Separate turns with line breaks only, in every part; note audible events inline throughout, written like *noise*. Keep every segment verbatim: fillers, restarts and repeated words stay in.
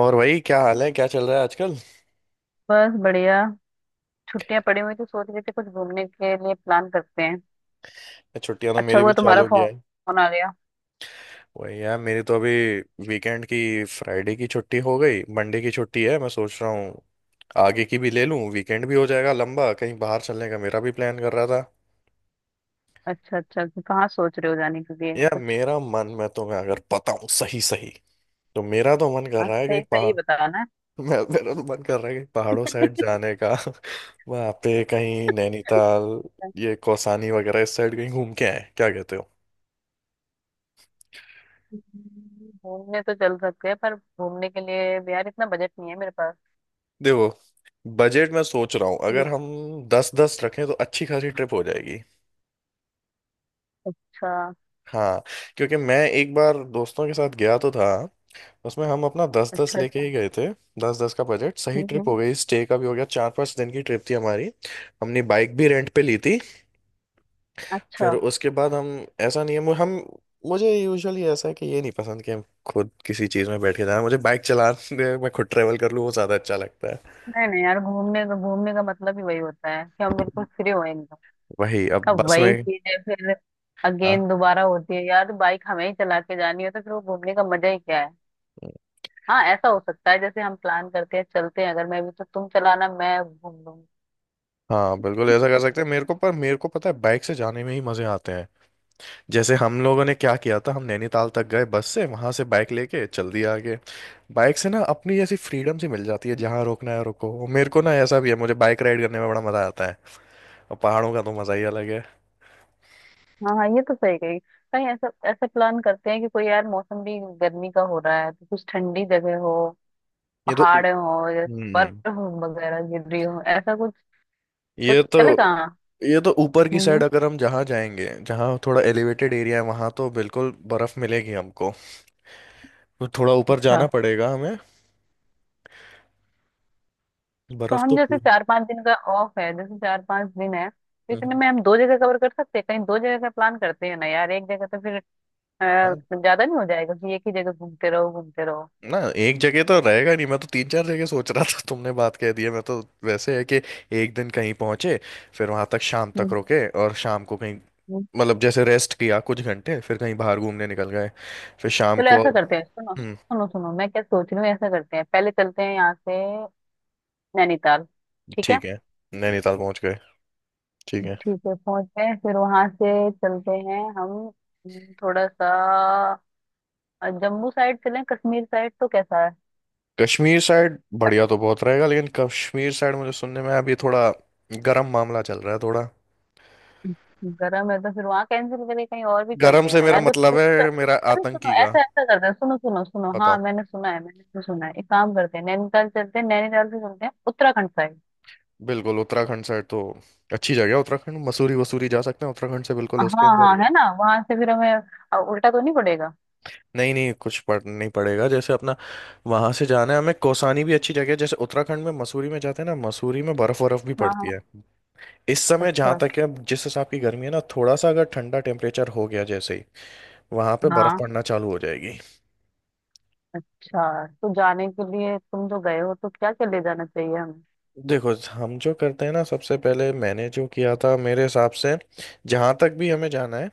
और वही क्या हाल है, क्या चल रहा है आजकल।
बस बढ़िया। छुट्टियां पड़ी हुई तो सोच रहे थे कुछ घूमने के लिए प्लान करते हैं।
छुट्टियां तो
अच्छा
मेरी
हुआ
भी चालू
तुम्हारा
हो गया है।
फोन आ गया।
वही यार, मेरी तो अभी वीकेंड की, फ्राइडे की छुट्टी हो गई, मंडे की छुट्टी है। मैं सोच रहा हूँ आगे की भी ले लूँ, वीकेंड भी हो जाएगा लंबा, कहीं बाहर चलने का मेरा भी प्लान कर रहा था।
अच्छा अच्छा, तो कहाँ सोच रहे हो जाने के लिए
यार
कुछ?
मेरा मन, मैं तुम्हें अगर बताऊँ सही सही, तो मेरा तो मन कर
हाँ
रहा है
सही
कहीं
सही
पहाड़।
बताना।
*laughs* मैं मेरा तो मन कर रहा है कहीं पहाड़ों साइड
*laughs*
जाने का। *laughs* वहाँ पे कहीं नैनीताल, ये कौसानी वगैरह, इस साइड कहीं घूम के आए, क्या कहते हो।
घूमने तो चल सकते हैं, पर घूमने के लिए भी यार इतना बजट नहीं है मेरे पास।
देखो, बजट में सोच रहा हूँ,
हम्म,
अगर हम दस दस रखें तो अच्छी खासी ट्रिप हो जाएगी।
अच्छा।
हाँ, क्योंकि मैं एक बार दोस्तों के साथ गया तो था, उसमें हम अपना दस दस
अच्छा
लेके
अच्छा।
ही गए थे। दस दस का बजट, सही
हम्म
ट्रिप हो
हम्म।
गई, स्टे का भी हो गया, चार पांच दिन की ट्रिप थी हमारी। हमने बाइक भी रेंट पे ली थी।
अच्छा।
फिर उसके बाद हम, ऐसा नहीं है मु- हम, मुझे यूजुअली ऐसा है कि ये नहीं पसंद कि हम खुद किसी चीज़ में बैठ के जाना, मुझे बाइक चलाने मैं खुद ट्रेवल कर लूँ वो ज़्यादा अच्छा लगता है।
नहीं नहीं यार, घूमने का घूमने का मतलब ही वही होता है कि हम बिल्कुल फ्री हो एकदम।
वही, अब
अब
बस
वही
में।
चीज है फिर।
हाँ,
अगेन दोबारा होती है यार, बाइक हमें ही चला के जानी हो तो फिर वो घूमने का मजा ही क्या है। हाँ ऐसा हो सकता है, जैसे हम प्लान करते हैं चलते हैं, अगर मैं भी तो तुम चलाना मैं घूम लूंगी।
हाँ बिल्कुल ऐसा कर सकते हैं, मेरे को, पर मेरे को पता है बाइक से जाने में ही मजे आते हैं। जैसे हम लोगों ने क्या किया था, हम नैनीताल तक गए बस से, वहां से बाइक लेके चल दिया आगे। बाइक से ना अपनी ऐसी फ्रीडम सी मिल जाती है, जहाँ रोकना है रोको, और मेरे को ना ऐसा भी है, मुझे बाइक राइड करने में बड़ा मजा आता है। और पहाड़ों का तो मजा ही अलग है।
हाँ हाँ ये तो सही कही। कहीं ऐसा ऐसा प्लान करते हैं कि कोई, यार मौसम भी गर्मी का हो रहा है तो कुछ ठंडी जगह हो,
ये तो।
पहाड़ हो या
हम्म।
बर्फ वगैरह गिर रही हो ऐसा कुछ, सोच
ये तो
चले कहाँ।
ये तो ऊपर की साइड
हम्म।
अगर हम जहाँ जाएंगे, जहाँ थोड़ा एलिवेटेड एरिया है, वहां तो बिल्कुल बर्फ मिलेगी हमको। तो थोड़ा ऊपर जाना पड़ेगा हमें।
तो
बर्फ
हम
तो
जैसे
पूरी।
चार पांच दिन का ऑफ है, जैसे चार पांच दिन है तो इतने
हम्म।
में हम दो जगह कवर कर सकते हैं, कहीं दो जगह का प्लान करते हैं ना यार, एक जगह तो फिर अ,
हाँ।
ज्यादा नहीं हो जाएगा कि एक ही जगह घूमते रहो घूमते रहो।
ना, एक जगह तो रहेगा नहीं, मैं तो तीन चार जगह सोच रहा था, तुमने बात कह दी है, मैं तो वैसे है कि एक दिन कहीं पहुंचे, फिर वहां तक शाम तक
हम्म।
रुके, और शाम को कहीं,
हम्म।
मतलब जैसे रेस्ट किया कुछ घंटे, फिर कहीं बाहर घूमने निकल गए, फिर शाम
चलो
को।
ऐसा करते हैं, सुनो
हम्म।
सुनो सुनो, मैं क्या सोच रही हूँ, ऐसा करते हैं पहले चलते हैं यहाँ से नैनीताल। ठीक है।
ठीक है, नैनीताल पहुंच गए, ठीक है।
ठीक है पहुंचते हैं फिर वहां से चलते हैं हम। हम्म, थोड़ा सा अ, जम्मू साइड चलें, कश्मीर साइड तो कैसा है?
कश्मीर साइड बढ़िया तो बहुत रहेगा, लेकिन कश्मीर साइड मुझे सुनने में अभी थोड़ा गर्म मामला चल रहा है थोड़ा।
गर्म है तो फिर वहां कैंसिल करके कहीं और भी
गर्म
चलते हैं
से
ना
मेरा
यार, तो, तो,
मतलब
तो,
है मेरा
अरे सुनो
आतंकी का।
ऐसा ऐसा करते हैं, सुनो सुनो सुनो, हाँ
बताओ,
मैंने सुना है, मैंने तो सुना है, एक काम करते हैं नैनीताल चलते हैं, नैनीताल से चलते हैं उत्तराखंड साइड।
बिल्कुल उत्तराखंड साइड तो अच्छी जगह है, उत्तराखंड, मसूरी वसूरी जा सकते हैं उत्तराखंड से, बिल्कुल उसके
हाँ
अंदर ही
हाँ
है।
है ना, वहां से फिर हमें अ, उल्टा तो नहीं पड़ेगा।
नहीं नहीं, कुछ पढ़ नहीं पड़ेगा, जैसे अपना वहां से जाना है हमें, कौसानी भी अच्छी जगह है। जैसे उत्तराखंड में मसूरी में जाते हैं ना, मसूरी में बर्फ बर्फ भी
हाँ
पड़ती
हाँ।
है इस समय, जहां
अच्छा।
तक है। अब जिस हिसाब की गर्मी है ना, थोड़ा सा अगर ठंडा टेम्परेचर हो गया, जैसे ही वहां पे बर्फ
हाँ।
पड़ना चालू हो जाएगी।
अच्छा, तो जाने के लिए तुम जो गए हो तो क्या क्या ले जाना चाहिए हमें?
देखो हम जो करते हैं ना, सबसे पहले मैंने जो किया था मेरे हिसाब से, जहां तक भी हमें जाना है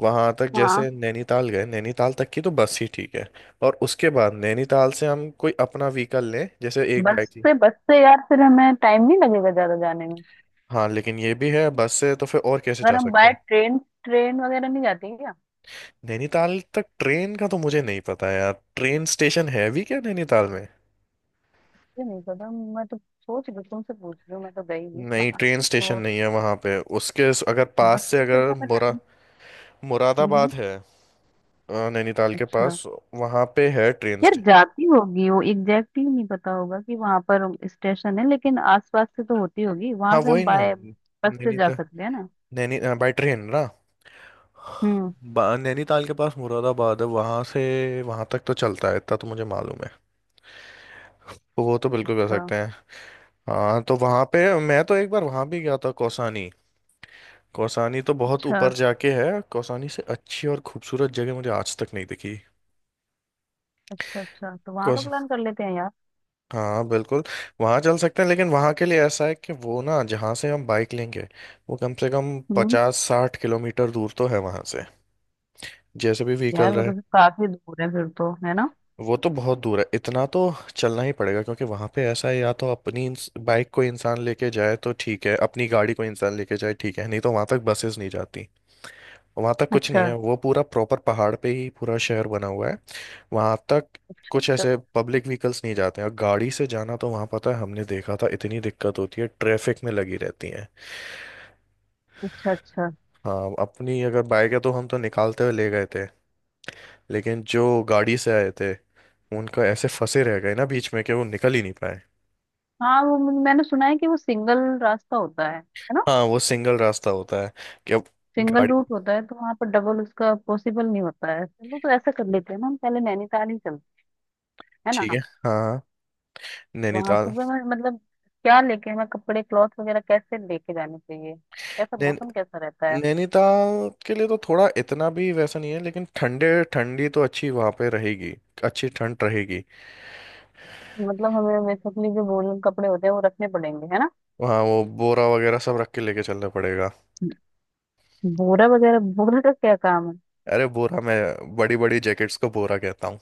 वहां तक,
हाँ।
जैसे नैनीताल गए, नैनीताल तक की तो बस ही ठीक है। और उसके बाद नैनीताल से हम कोई अपना व्हीकल लें, जैसे एक
बस
बाइक थी।
से बस से यार फिर हमें टाइम नहीं लगेगा ज्यादा जाने में।
हाँ लेकिन ये भी है, बस से तो फिर और कैसे
अगर
जा
हम
सकते
बाय
हैं।
ट्रेन, ट्रेन वगैरह नहीं जाती क्या?
नैनीताल तक ट्रेन का तो मुझे नहीं पता यार, ट्रेन स्टेशन है भी क्या नैनीताल में।
मुझे नहीं पता, मैं तो सोच रही हूँ, तुमसे पूछ रही हूँ, मैं तो गई नहीं
नहीं,
वहां।
ट्रेन स्टेशन
तो
नहीं है वहां पे, उसके अगर पास
बस
से,
सोच रही
अगर
हूँ मैं
मुरा
टाइम।
मुरादाबाद
हम्म।
है अ, नैनीताल के
अच्छा।
पास, वहां पे है ट्रेन
यार
स्टेशन।
जाती होगी, वो एग्जैक्टली नहीं पता होगा कि वहां पर स्टेशन है, लेकिन आसपास से तो होती होगी,
हाँ
वहां से हम
वही ना,
बाय बस से जा
नैनीताल,
सकते हैं ना।
नैनी, बाय ट्रेन ना,
हम्म।
बा- नैनीताल के पास मुरादाबाद है, वहां से वहां तक तो चलता है, इतना तो मुझे मालूम है। तो वो तो बिल्कुल कर
अच्छा।
सकते हैं। हाँ तो वहां पे, मैं तो एक बार वहां भी गया था, कौसानी। कौसानी तो बहुत
अच्छा।
ऊपर जाके है, कौसानी से अच्छी और खूबसूरत जगह मुझे आज तक नहीं दिखी।
अच्छा। अच्छा तो वहां का
कौस,
प्लान कर लेते हैं यार।
हाँ बिल्कुल, वहां चल सकते हैं लेकिन वहां के लिए ऐसा है कि वो ना, जहाँ से हम बाइक लेंगे वो कम से कम
हम्म।
पचास साठ किलोमीटर दूर तो है वहां से, जैसे भी व्हीकल
यार वो तो
रहे।
फिर काफी दूर है फिर तो, है ना?
वो तो बहुत दूर है, इतना तो चलना ही पड़ेगा, क्योंकि वहां पे ऐसा है या तो अपनी इंस- बाइक को इंसान लेके जाए तो ठीक है, अपनी गाड़ी को इंसान लेके जाए ठीक है, नहीं तो वहां तक बसेस नहीं जाती। वहां तक कुछ नहीं
अच्छा।
है, वो पूरा प्रॉपर पहाड़ पे ही पूरा शहर बना हुआ है। वहां तक कुछ
अच्छा
ऐसे पब्लिक व्हीकल्स नहीं जाते हैं, और गाड़ी से जाना तो वहां पता है, हमने देखा था, इतनी दिक्कत होती है, ट्रैफिक में लगी रहती है।
अच्छा। अच्छा।
हाँ अपनी अगर बाइक है तो, हम तो निकालते हुए ले गए थे, लेकिन जो गाड़ी से आए थे उनका ऐसे फंसे रह गए ना बीच में कि वो निकल ही नहीं पाए।
हाँ वो, मैंने सुना है कि वो सिंगल रास्ता होता है है ना?
हाँ, वो सिंगल रास्ता होता है कि अब
सिंगल
गाड़ी,
रूट होता है तो वहां पर डबल उसका पॉसिबल नहीं होता है, चलो तो ऐसा कर लेते हैं ना, हम पहले नैनीताल ही चलते हैं ना।
ठीक है। हाँ हाँ,
वहां
नैनीताल,
सुबह में मतलब क्या लेके, हमें कपड़े क्लॉथ वगैरह कैसे लेके जाने चाहिए, कैसा
नैन,
मौसम कैसा रहता है?
नैनीताल के लिए तो थोड़ा इतना भी वैसा नहीं है, लेकिन ठंडे ठंडी तो अच्छी वहाँ पे रहेगी, अच्छी ठंड रहेगी।
मतलब हमें बेसिकली जो वूलन कपड़े होते हैं वो रखने पड़ेंगे है ना?
वहाँ वो बोरा वगैरह सब रख के लेके चलना पड़ेगा।
बोरा वगैरह, बोरे का क्या काम है?
अरे बोरा, मैं बड़ी बड़ी जैकेट्स को बोरा कहता हूँ।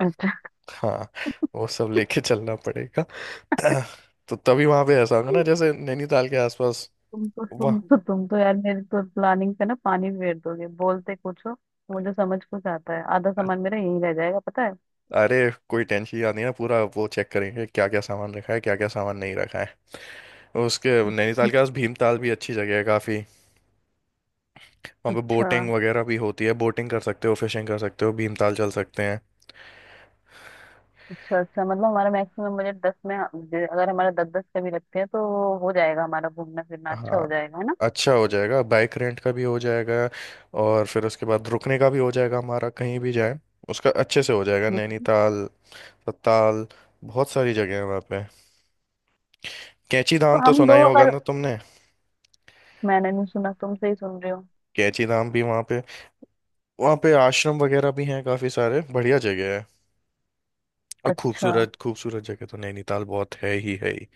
अच्छा।
हाँ, वो सब लेके चलना पड़ेगा। *clears throat* तो तभी वहाँ पे ऐसा होगा ना, जैसे नैनीताल के आसपास।
तुम तो
वाह,
तुम तो तुम तो यार मेरी तो प्लानिंग पे ना पानी फेर दोगे, बोलते कुछ हो मुझे समझ कुछ आता है, आधा सामान मेरा यहीं रह जाएगा पता है।
अरे कोई टेंशन नहीं है, पूरा वो चेक करेंगे, क्या क्या सामान रखा है क्या क्या सामान नहीं रखा है। उसके नैनीताल के पास भीमताल भी अच्छी जगह है काफ़ी, वहाँ पे
अच्छा।
बोटिंग वगैरह भी होती है, बोटिंग कर सकते हो, फिशिंग कर सकते हो, भीमताल चल सकते हैं।
अच्छा अच्छा। मतलब हमारा मैक्सिमम बजट दस में, जे- अगर हमारा दस दस का भी रखते हैं तो हो जाएगा, हमारा घूमना फिरना अच्छा
हाँ,
हो जाएगा है ना?
अच्छा हो जाएगा, बाइक रेंट का भी हो जाएगा, और फिर उसके बाद रुकने का भी हो जाएगा हमारा, कहीं भी जाए, उसका अच्छे से हो जाएगा।
हम्म।
नैनीताल, सत्ताल, बहुत सारी जगह है वहाँ पे। कैंची
तो
धाम तो
हम
सुना
दो
ही होगा
अगर।
ना तुमने,
मैंने नहीं सुना, तुमसे ही सुन रही हूँ।
कैंची धाम भी वहाँ पे, वहाँ पे आश्रम वगैरह भी हैं काफ़ी सारे, बढ़िया जगह है। और
अच्छा।
खूबसूरत खूबसूरत जगह तो नैनीताल बहुत है ही, है ही।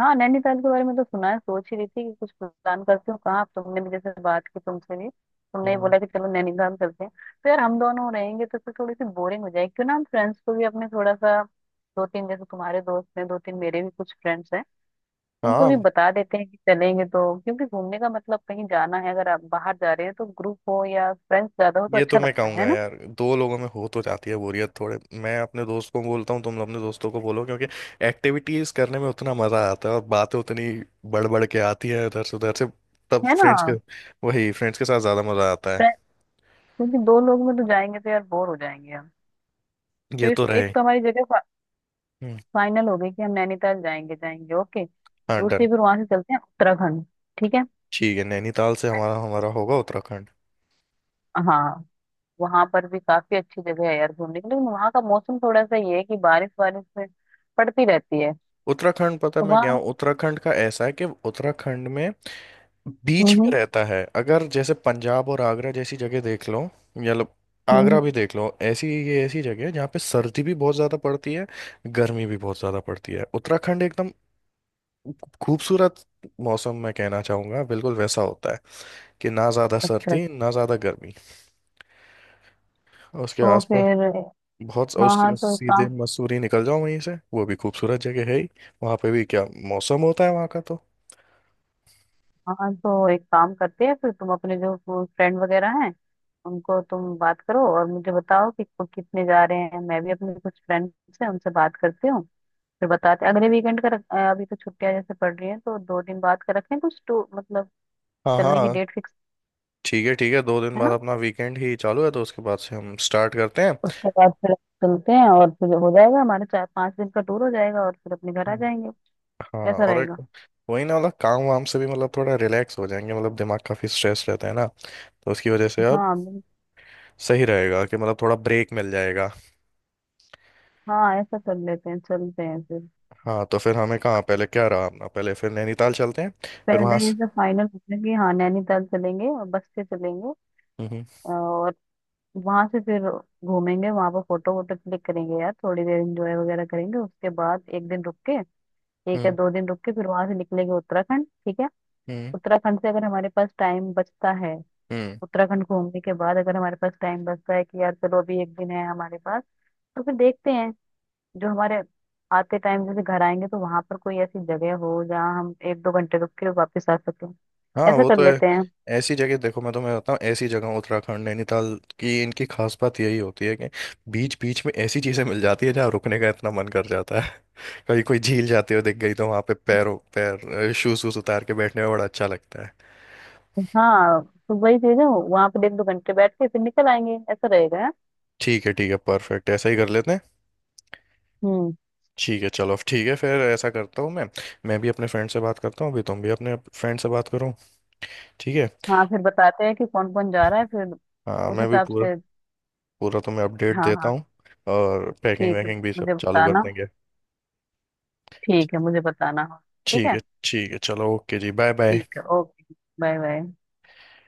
हाँ नैनीताल के बारे में तो सुना है, सोच ही रही थी कि कुछ प्लान करती हूँ कहाँ, अब तुमने भी जैसे बात की, तुमसे भी तुमने ही
हम्म।
बोला कि चलो नैनीताल चलते हैं। तो यार हम दोनों रहेंगे तो फिर थोड़ी सी बोरिंग हो जाएगी, क्यों ना हम फ्रेंड्स को भी अपने थोड़ा सा, दो तीन जैसे तुम्हारे दोस्त हैं दो तीन मेरे भी कुछ फ्रेंड्स हैं, उनको भी
हाँ,
बता देते हैं कि चलेंगे तो, क्योंकि घूमने का मतलब कहीं जाना है, अगर आप बाहर जा रहे हैं तो ग्रुप हो या फ्रेंड्स ज्यादा हो तो
ये तो
अच्छा
मैं
लगता
कहूंगा
है ना।
यार, दो लोगों में हो तो जाती है बोरियत थोड़े, मैं अपने दोस्त को बोलता हूँ, तुम अपने दोस्तों को बोलो, क्योंकि एक्टिविटीज करने में उतना मजा आता है, और बातें उतनी बढ़ बढ़ के आती है इधर से उधर से, तब
है ना?
फ्रेंड्स के, वही फ्रेंड्स के साथ ज्यादा मजा आता है।
फ्रे- क्योंकि दो लोग में तो जाएंगे तो यार बोर हो जाएंगे हम। तो
ये
इस
तो
एक
रहे।
तो हमारी जगह फा,
हम्म।
फाइनल हो गई कि हम नैनीताल जाएंगे जाएंगे, ओके
हाँ
दूसरी
डन,
फिर वहां से चलते हैं उत्तराखंड। ठीक है।
ठीक है, नैनीताल से हमारा हमारा होगा उत्तराखंड।
हाँ वहां पर भी काफी अच्छी जगह है यार घूमने के लिए, लेकिन वहां का मौसम थोड़ा सा ये है कि बारिश बारिश में पड़ती रहती है।
उत्तराखंड पता है,
तो
मैं गया
वहां।
हूँ उत्तराखंड का, ऐसा है कि उत्तराखंड में
हम्म।
बीच में
हम्म।
रहता है, अगर जैसे पंजाब और आगरा जैसी जगह देख लो, या लो-
हम्म।
आगरा
हम्म।
भी देख लो, ऐसी ये ऐसी जगह है जहाँ पे सर्दी भी बहुत ज़्यादा पड़ती है, गर्मी भी बहुत ज़्यादा पड़ती है। उत्तराखंड एकदम खूबसूरत मौसम, मैं कहना चाहूँगा बिल्कुल वैसा होता है, कि ना ज़्यादा
अच्छा।
सर्दी ना ज़्यादा गर्मी। और उसके
तो
आसपास
फिर
बहुत,
हाँ, हाँ
उसके
तो एक
सीधे
काम,
मसूरी निकल जाओ, वहीं से, वो भी खूबसूरत जगह है ही, वहाँ पे भी क्या मौसम होता है वहाँ का तो।
हाँ तो एक काम करते हैं फिर, तुम अपने जो फ्रेंड वगैरह हैं उनको तुम बात करो और मुझे बताओ कि को- कितने जा रहे हैं, मैं भी अपने कुछ फ्रेंड्स हैं उनसे बात करती हूँ फिर बताते हैं। अगले वीकेंड का रख- अ, अभी तो छुट्टियां जैसे पड़ रही हैं तो दो दिन बाद का रखें कुछ टू मतलब
हाँ
चलने की
हाँ,
डेट फिक्स।
ठीक है ठीक है, दो दिन
है
बाद
ना?
अपना वीकेंड ही चालू है, तो उसके बाद से हम स्टार्ट करते हैं।
उसके बाद फिर चलते हैं, और फिर हो जाएगा हमारा चार पांच दिन का टूर हो जाएगा, और फिर अपने घर आ
हम्म।
जाएंगे।
हाँ
कैसा
और एक,
रहेगा?
वही ना मतलब काम वाम से भी, मतलब थोड़ा रिलैक्स हो जाएंगे, मतलब दिमाग काफी स्ट्रेस रहता है ना, तो उसकी वजह से अब
हाँ बिल-
सही रहेगा कि, मतलब थोड़ा ब्रेक मिल जाएगा।
हाँ, ऐसा कर लेते हैं चलते हैं फिर।
हाँ तो फिर हमें कहाँ पहले, क्या रहा अपना पहले, फिर नैनीताल चलते हैं। फिर वहां
पहले ये
से।
सब फाइनल करते हैं कि हाँ नैनीताल चलेंगे और बस से चलेंगे,
हम्म।
और वहां से फिर घूमेंगे वहां पर फोटो वोटो क्लिक करेंगे यार, थोड़ी देर एंजॉय वगैरह करेंगे, उसके बाद एक दिन रुक के, एक या
हम्म।
दो दिन रुक के फिर वहां से निकलेंगे उत्तराखंड। ठीक है।
हम्म।
उत्तराखंड से अगर हमारे पास टाइम बचता है,
हम्म।
उत्तराखंड घूमने के बाद अगर हमारे पास टाइम बचता है कि यार चलो अभी एक दिन है हमारे पास, तो फिर देखते हैं जो हमारे आते टाइम जैसे घर आएंगे तो वहां पर कोई ऐसी जगह हो जहाँ हम एक दो घंटे रुक के वापस आ सकें,
हाँ
ऐसा
वो
कर
तो है।
लेते हैं।
ऐसी जगह देखो मैं तुम्हें बताता हूँ, ऐसी जगह उत्तराखंड, नैनीताल की, इनकी खास बात यही होती है कि बीच बीच में ऐसी चीजें मिल जाती है, जहाँ रुकने का इतना मन कर जाता है। *laughs* कभी कोई झील जाते हुए दिख गई तो वहां पे पैरों पैर शूज वूज उतार के बैठने में बड़ा अच्छा लगता है।
हाँ तो वही चीज है वहां पर एक दो घंटे बैठ के फिर निकल आएंगे, ऐसा रहेगा है?
ठीक है ठीक है, परफेक्ट, ऐसा ही कर लेते हैं।
हम्म।
ठीक है चलो, ठीक है, फिर ऐसा करता हूँ मैं मैं भी अपने फ्रेंड से बात करता हूँ, अभी तुम भी अपने फ्रेंड से बात करो, ठीक है।
हाँ फिर बताते हैं कि कौन कौन जा रहा है, फिर
हाँ,
उस
मैं भी
हिसाब
पूरा
से।
पूरा तुम्हें अपडेट
हाँ
देता
हाँ।
हूँ, और पैकिंग
ठीक है
वैकिंग भी सब
मुझे
चालू कर
बताना।
देंगे।
ठीक है मुझे बताना। ठीक
ठीक
है
है ठीक है, चलो ओके जी, बाय बाय।
ठीक है ओके, बाय बाय।